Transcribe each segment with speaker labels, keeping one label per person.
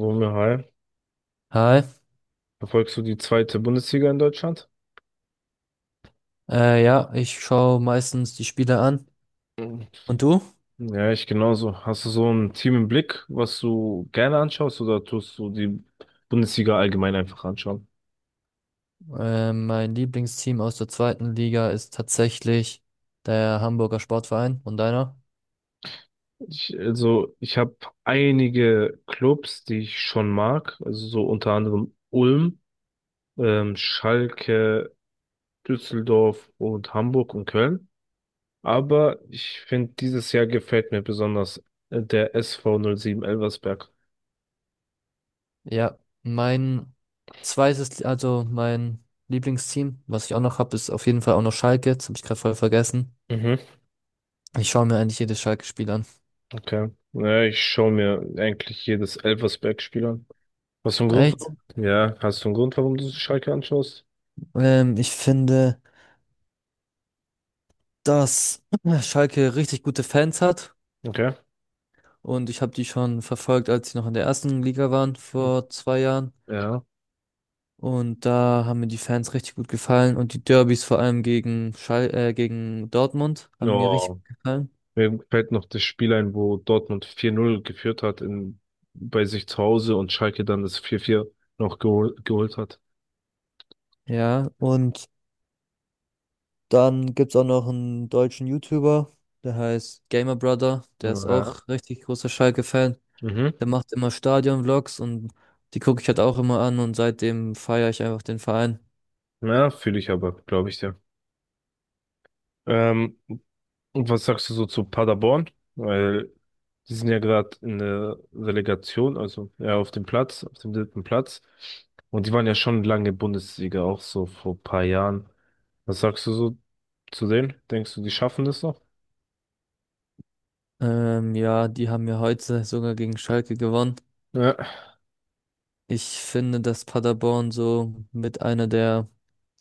Speaker 1: Romeo, hi.
Speaker 2: Hi,
Speaker 1: Verfolgst du die zweite Bundesliga in Deutschland?
Speaker 2: ja, ich schaue meistens die Spiele an.
Speaker 1: Mhm.
Speaker 2: Und du?
Speaker 1: Ja, ich genauso. Hast du so ein Team im Blick, was du gerne anschaust oder tust du die Bundesliga allgemein einfach anschauen?
Speaker 2: Mein Lieblingsteam aus der zweiten Liga ist tatsächlich der Hamburger Sportverein. Und deiner?
Speaker 1: Also, ich habe einige Clubs, die ich schon mag, also so unter anderem Ulm, Schalke, Düsseldorf und Hamburg und Köln. Aber ich finde, dieses Jahr gefällt mir besonders der SV 07 Elversberg.
Speaker 2: Ja, mein zweites, also mein Lieblingsteam, was ich auch noch habe, ist auf jeden Fall auch noch Schalke. Das habe ich gerade voll vergessen.
Speaker 1: Mhm.
Speaker 2: Ich schaue mir eigentlich jedes Schalke-Spiel an.
Speaker 1: Okay. Naja, ich schaue mir eigentlich jedes Elversberg-Spiel an. Hast du einen Grund,
Speaker 2: Echt?
Speaker 1: warum? Ja, hast du einen Grund, warum du Schalke anschaust?
Speaker 2: Ich finde, dass Schalke richtig gute Fans hat.
Speaker 1: Okay.
Speaker 2: Und ich habe die schon verfolgt, als sie noch in der ersten Liga waren vor 2 Jahren.
Speaker 1: Ja.
Speaker 2: Und da haben mir die Fans richtig gut gefallen und die Derbys vor allem gegen Schal gegen Dortmund haben mir richtig
Speaker 1: Oh,
Speaker 2: gut gefallen.
Speaker 1: mir fällt noch das Spiel ein, wo Dortmund 4-0 geführt hat bei sich zu Hause und Schalke dann das 4-4 noch geholt hat.
Speaker 2: Ja, und dann gibt's auch noch einen deutschen YouTuber, der heißt Gamer Brother, der ist
Speaker 1: Ja.
Speaker 2: auch richtig großer Schalke-Fan.
Speaker 1: Mhm.
Speaker 2: Der macht immer Stadion-Vlogs und die gucke ich halt auch immer an und seitdem feiere ich einfach den Verein.
Speaker 1: Ja, fühle ich aber, glaube ich dir. Ähm, Und was sagst du so zu Paderborn? Weil die sind ja gerade in der Relegation, also ja auf dem dritten Platz. Und die waren ja schon lange Bundesliga, auch so vor ein paar Jahren. Was sagst du so zu denen? Denkst du, die schaffen das noch?
Speaker 2: Ja, die haben ja heute sogar gegen Schalke gewonnen.
Speaker 1: Ja,
Speaker 2: Ich finde, dass Paderborn so mit einer der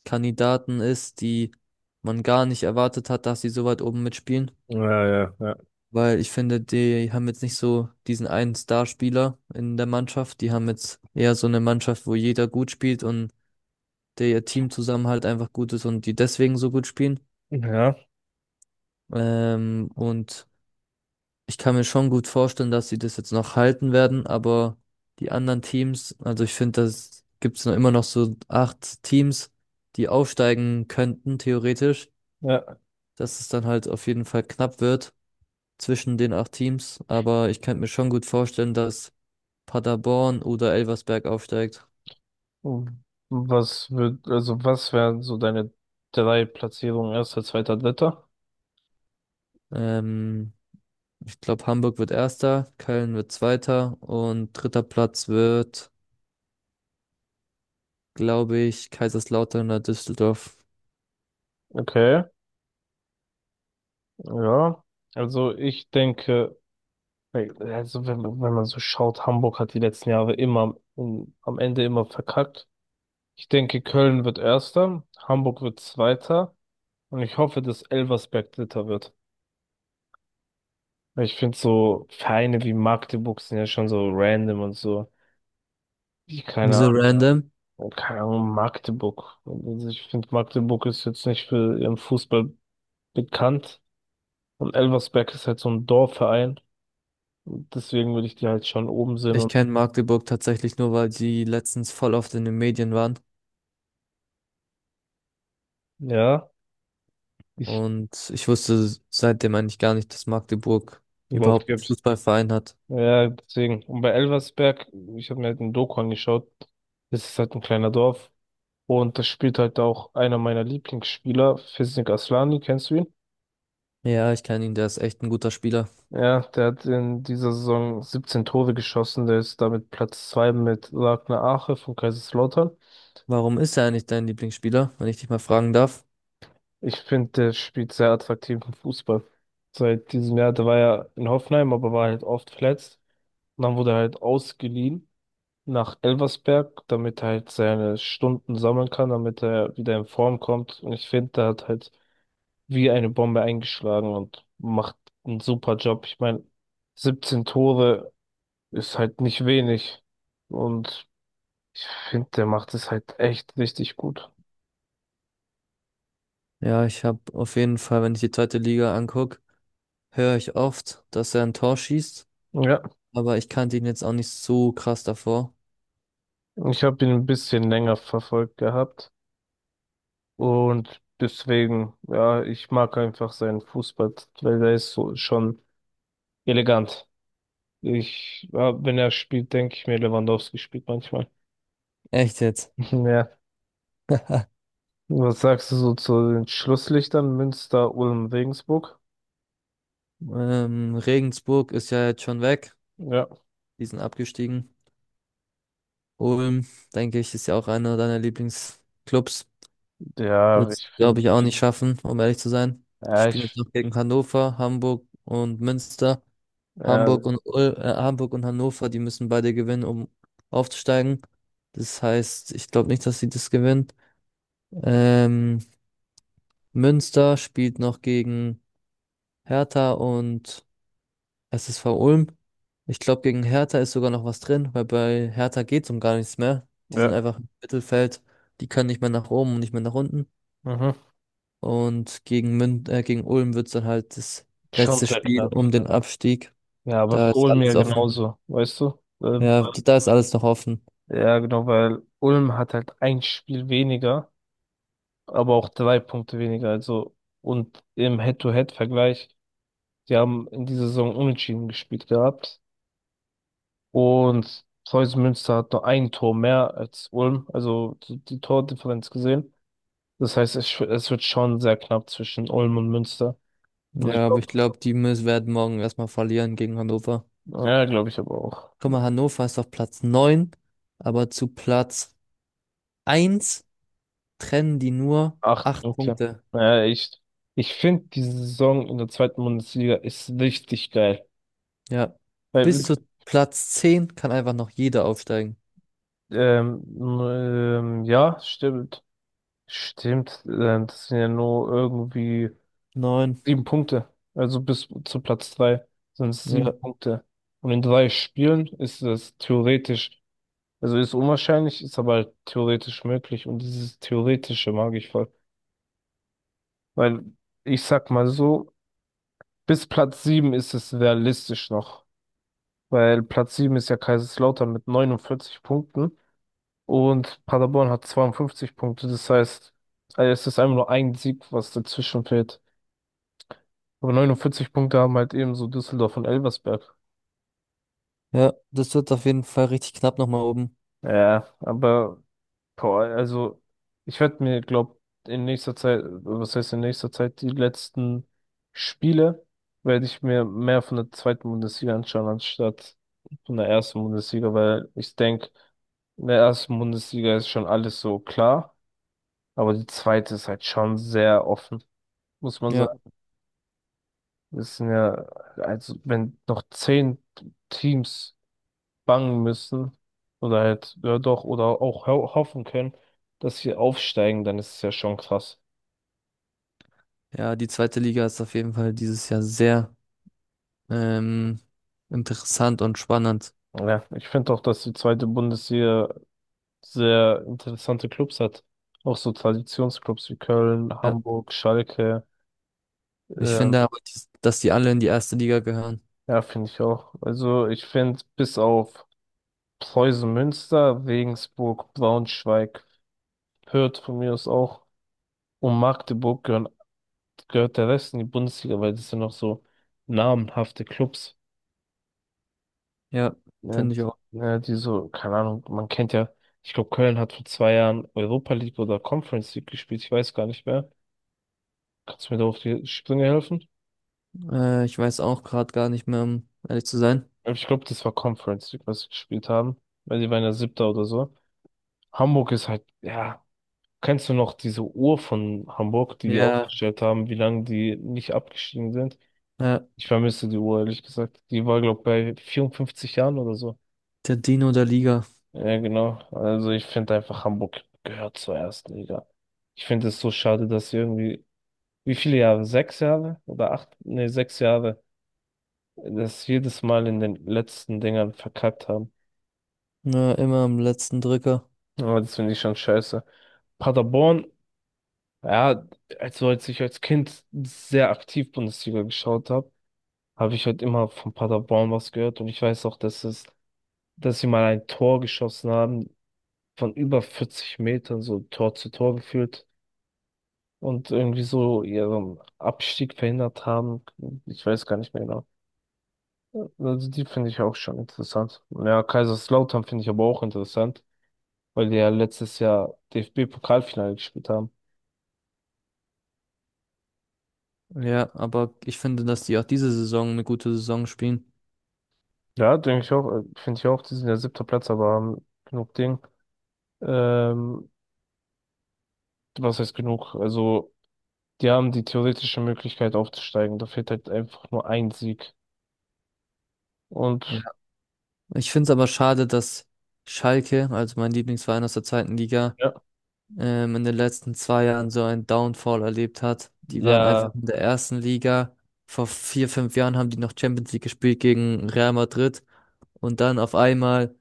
Speaker 2: Kandidaten ist, die man gar nicht erwartet hat, dass sie so weit oben mitspielen.
Speaker 1: ja, ja, ja.
Speaker 2: Weil ich finde, die haben jetzt nicht so diesen einen Starspieler in der Mannschaft. Die haben jetzt eher so eine Mannschaft, wo jeder gut spielt und der Teamzusammenhalt einfach gut ist und die deswegen so gut spielen.
Speaker 1: Ja,
Speaker 2: Und ich kann mir schon gut vorstellen, dass sie das jetzt noch halten werden, aber die anderen Teams, also ich finde, das gibt's noch immer noch so acht Teams, die aufsteigen könnten, theoretisch.
Speaker 1: ja.
Speaker 2: Dass es dann halt auf jeden Fall knapp wird zwischen den acht Teams. Aber ich könnte mir schon gut vorstellen, dass Paderborn oder Elversberg aufsteigt.
Speaker 1: Also, was wären so deine drei Platzierungen, erster, zweiter, dritter?
Speaker 2: Ähm, Ich glaube, Hamburg wird Erster, Köln wird Zweiter und dritter Platz wird, glaube ich, Kaiserslautern oder Düsseldorf.
Speaker 1: Okay, ja. Also ich denke, also wenn man so schaut, Hamburg hat die letzten Jahre immer am Ende immer verkackt. Ich denke, Köln wird Erster, Hamburg wird Zweiter und ich hoffe, dass Elversberg Dritter wird. Weil ich finde, so Vereine wie Magdeburg sind ja schon so random und so. Ich Keine
Speaker 2: Wieso, ja, random?
Speaker 1: Ahnung, keine Ahnung, Magdeburg. Also ich finde, Magdeburg ist jetzt nicht für ihren Fußball bekannt und Elversberg ist halt so ein Dorfverein. Und deswegen würde ich die halt schon oben sehen
Speaker 2: Ich
Speaker 1: und
Speaker 2: kenne Magdeburg tatsächlich nur, weil sie letztens voll oft in den Medien waren.
Speaker 1: ja, ich
Speaker 2: Und ich wusste seitdem eigentlich gar nicht, dass Magdeburg
Speaker 1: überhaupt
Speaker 2: überhaupt einen
Speaker 1: gibt.
Speaker 2: Fußballverein hat.
Speaker 1: Ja, deswegen. Und bei Elversberg, ich habe mir halt ein Doku angeschaut, das ist halt ein kleiner Dorf. Und das spielt halt auch einer meiner Lieblingsspieler, Fisnik Aslani, kennst du ihn?
Speaker 2: Ja, ich kenne ihn, der ist echt ein guter Spieler.
Speaker 1: Ja, der hat in dieser Saison 17 Tore geschossen, der ist damit Platz 2 mit Ragnar Ache von Kaiserslautern.
Speaker 2: Warum ist er eigentlich dein Lieblingsspieler, wenn ich dich mal fragen darf?
Speaker 1: Ich finde, der spielt sehr attraktiven Fußball. Seit diesem Jahr, der war ja in Hoffenheim, aber war halt oft verletzt. Und dann wurde er halt ausgeliehen nach Elversberg, damit er halt seine Stunden sammeln kann, damit er wieder in Form kommt. Und ich finde, der hat halt wie eine Bombe eingeschlagen und macht einen super Job. Ich meine, 17 Tore ist halt nicht wenig. Und ich finde, der macht es halt echt richtig gut.
Speaker 2: Ja, ich habe auf jeden Fall, wenn ich die zweite Liga anguck, höre ich oft, dass er ein Tor schießt,
Speaker 1: Ja,
Speaker 2: aber ich kannte ihn jetzt auch nicht so krass davor.
Speaker 1: ich habe ihn ein bisschen länger verfolgt gehabt. Und deswegen, ja, ich mag einfach seinen Fußball, weil der ist so schon elegant. Ja, wenn er spielt, denke ich mir, Lewandowski spielt manchmal.
Speaker 2: Echt jetzt?
Speaker 1: Ja. Was sagst du so zu den Schlusslichtern Münster, Ulm, Regensburg?
Speaker 2: Regensburg ist ja jetzt schon weg,
Speaker 1: Ja.
Speaker 2: die sind abgestiegen. Ulm, denke ich, ist ja auch einer deiner Lieblingsclubs.
Speaker 1: Ja,
Speaker 2: Wird's,
Speaker 1: ich
Speaker 2: glaube
Speaker 1: finde,
Speaker 2: ich,
Speaker 1: ich
Speaker 2: auch
Speaker 1: bin,
Speaker 2: nicht schaffen, um ehrlich zu sein. Die
Speaker 1: ja,
Speaker 2: spielen jetzt
Speaker 1: ich,
Speaker 2: noch gegen Hannover, Hamburg und Münster.
Speaker 1: ja,
Speaker 2: Hamburg und Hannover, die müssen beide gewinnen, um aufzusteigen. Das heißt, ich glaube nicht, dass sie das gewinnen. Ähm, Münster spielt noch gegen Hertha und SSV Ulm. Ich glaube, gegen Hertha ist sogar noch was drin, weil bei Hertha geht es um gar nichts mehr. Die sind
Speaker 1: ja,
Speaker 2: einfach im Mittelfeld, die können nicht mehr nach oben und nicht mehr nach unten.
Speaker 1: mhm.
Speaker 2: Und gegen Mün gegen Ulm wird es dann halt das
Speaker 1: Schon
Speaker 2: letzte
Speaker 1: sehr
Speaker 2: Spiel
Speaker 1: knapp.
Speaker 2: um den Abstieg.
Speaker 1: Ja, aber
Speaker 2: Da
Speaker 1: für
Speaker 2: ist
Speaker 1: Ulm
Speaker 2: alles
Speaker 1: ja
Speaker 2: offen.
Speaker 1: genauso, weißt du?
Speaker 2: Ja, da ist alles noch offen.
Speaker 1: Ja, genau, weil Ulm hat halt ein Spiel weniger, aber auch drei Punkte weniger. Also, und im Head-to-Head-Vergleich, die haben in dieser Saison unentschieden gespielt gehabt. Und Preußen Münster hat nur ein Tor mehr als Ulm, also die Tordifferenz gesehen. Das heißt, es wird schon sehr knapp zwischen Ulm und Münster. Und ich
Speaker 2: Ja, aber
Speaker 1: glaube,
Speaker 2: ich glaube, die müssen werden morgen erstmal verlieren gegen Hannover.
Speaker 1: ja, glaube ich aber auch.
Speaker 2: Guck mal, Hannover ist auf Platz neun, aber zu Platz eins trennen die nur
Speaker 1: Acht
Speaker 2: 8
Speaker 1: Punkte.
Speaker 2: Punkte.
Speaker 1: Naja, ich finde, diese Saison in der zweiten Bundesliga ist richtig geil.
Speaker 2: Ja.
Speaker 1: Weil,
Speaker 2: Bis zu Platz 10 kann einfach noch jeder aufsteigen.
Speaker 1: ähm, ja, stimmt. Stimmt. Das sind ja nur irgendwie
Speaker 2: Neun.
Speaker 1: sieben Punkte. Also bis zu Platz drei sind es sieben
Speaker 2: Ja.
Speaker 1: Punkte. Und in drei Spielen ist das theoretisch, also ist unwahrscheinlich, ist aber halt theoretisch möglich. Und dieses Theoretische mag ich voll. Weil ich sag mal so, bis Platz 7 ist es realistisch noch, weil Platz 7 ist ja Kaiserslautern mit 49 Punkten und Paderborn hat 52 Punkte. Das heißt, es ist einfach nur ein Sieg, was dazwischen fehlt. Aber 49 Punkte haben halt ebenso Düsseldorf und Elversberg.
Speaker 2: Ja, das wird auf jeden Fall richtig knapp nochmal oben.
Speaker 1: Ja, aber boah, also ich werde mir, glaube in nächster Zeit, was heißt in nächster Zeit, die letzten Spiele werde ich mir mehr von der zweiten Bundesliga anschauen, anstatt von der ersten Bundesliga, weil ich denke, in der ersten Bundesliga ist schon alles so klar, aber die zweite ist halt schon sehr offen, muss man
Speaker 2: Ja.
Speaker 1: sagen. Es sind ja, also wenn noch zehn Teams bangen müssen oder halt, ja doch, oder auch ho hoffen können, dass sie aufsteigen, dann ist es ja schon krass.
Speaker 2: Ja, die zweite Liga ist auf jeden Fall dieses Jahr sehr ähm, interessant und spannend.
Speaker 1: Ja, ich finde auch, dass die zweite Bundesliga sehr interessante Clubs hat. Auch so Traditionsclubs wie Köln,
Speaker 2: Ja.
Speaker 1: Hamburg, Schalke.
Speaker 2: Ich
Speaker 1: Ähm,
Speaker 2: finde aber, dass die alle in die erste Liga gehören.
Speaker 1: ja, finde ich auch. Also ich finde, bis auf Preußen Münster, Regensburg, Braunschweig, Fürth von mir aus auch und Magdeburg gehören, gehört der Rest in die Bundesliga, weil das sind noch so namenhafte Clubs.
Speaker 2: Ja,
Speaker 1: Ja,
Speaker 2: finde ich auch.
Speaker 1: ja, die so, keine Ahnung, man kennt ja, ich glaube, Köln hat vor 2 Jahren Europa League oder Conference League gespielt, ich weiß gar nicht mehr. Kannst du mir da auf die Sprünge helfen?
Speaker 2: Ich weiß auch gerade gar nicht mehr, um ehrlich zu sein.
Speaker 1: Aber ich glaube, das war Conference League, was sie gespielt haben, weil die waren ja Siebter oder so. Hamburg ist halt, ja, kennst du noch diese Uhr von Hamburg, die die
Speaker 2: Ja,
Speaker 1: aufgestellt haben, wie lange die nicht abgestiegen sind?
Speaker 2: ja,
Speaker 1: Ich vermisse die Uhr, ehrlich gesagt. Die war, glaube ich, bei 54 Jahren oder so.
Speaker 2: der Dino der Liga.
Speaker 1: Ja, genau. Also ich finde einfach, Hamburg gehört zur ersten Liga. Ich finde es so schade, dass sie irgendwie, wie viele Jahre? Sechs Jahre oder acht? Nee, sechs Jahre, das jedes Mal in den letzten Dingern verkackt haben.
Speaker 2: Ja, immer am letzten Drücker.
Speaker 1: Aber das finde ich schon scheiße. Paderborn, ja, also als ich als Kind sehr aktiv Bundesliga geschaut habe, habe ich halt immer von Paderborn was gehört und ich weiß auch, dass sie mal ein Tor geschossen haben von über 40 Metern, so Tor zu Tor geführt. Und irgendwie so ihren Abstieg verhindert haben. Ich weiß gar nicht mehr genau. Also die finde ich auch schon interessant. Ja, Kaiserslautern finde ich aber auch interessant, weil die ja letztes Jahr DFB-Pokalfinale gespielt haben.
Speaker 2: Ja, aber ich finde, dass die auch diese Saison eine gute Saison spielen.
Speaker 1: Ja, denke ich auch, finde ich auch, die sind ja siebter Platz, aber haben genug Ding. Ähm, Was heißt genug? Also, die haben die theoretische Möglichkeit aufzusteigen. Da fehlt halt einfach nur ein Sieg. Und
Speaker 2: Ja. Ich finde es aber schade, dass Schalke, also mein Lieblingsverein aus der zweiten Liga,
Speaker 1: ja,
Speaker 2: in den letzten 2 Jahren so einen Downfall erlebt hat. Die waren einfach
Speaker 1: ja,
Speaker 2: in der ersten Liga. Vor 4, 5 Jahren haben die noch Champions League gespielt gegen Real Madrid. Und dann auf einmal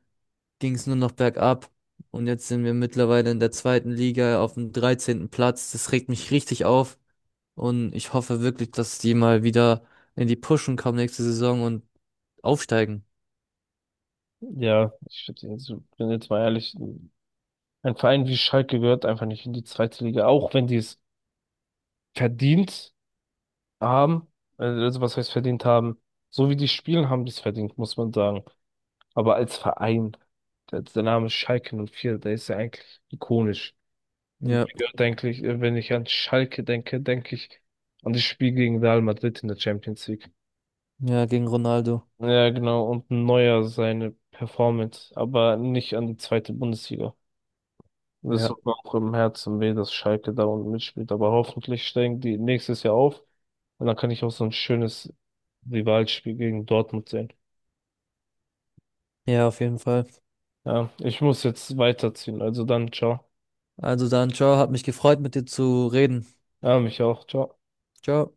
Speaker 2: ging es nur noch bergab. Und jetzt sind wir mittlerweile in der zweiten Liga auf dem 13. Platz. Das regt mich richtig auf. Und ich hoffe wirklich, dass die mal wieder in die Pushen kommen nächste Saison und aufsteigen.
Speaker 1: ja, bin jetzt mal ehrlich, ein Verein wie Schalke gehört einfach nicht in die zweite Liga, auch wenn die es verdient haben. Also was heißt verdient haben? So wie die spielen, haben die es verdient, muss man sagen. Aber als Verein, der Name Schalke 04, der ist ja eigentlich ikonisch. Und
Speaker 2: Ja,
Speaker 1: ich gehört eigentlich, wenn ich an Schalke denke, denke ich an das Spiel gegen Real Madrid in der Champions League.
Speaker 2: ja, gegen Ronaldo.
Speaker 1: Ja, genau, und Neuer seine Performance, aber nicht an die zweite Bundesliga. Das
Speaker 2: Ja.
Speaker 1: tut mir auch im Herzen weh, dass Schalke da unten mitspielt. Aber hoffentlich steigen die nächstes Jahr auf. Und dann kann ich auch so ein schönes Rivalspiel gegen Dortmund sehen.
Speaker 2: Ja, auf jeden Fall.
Speaker 1: Ja, ich muss jetzt weiterziehen. Also dann, ciao.
Speaker 2: Also dann, ciao, hat mich gefreut, mit dir zu reden.
Speaker 1: Ja, mich auch. Ciao.
Speaker 2: Ciao.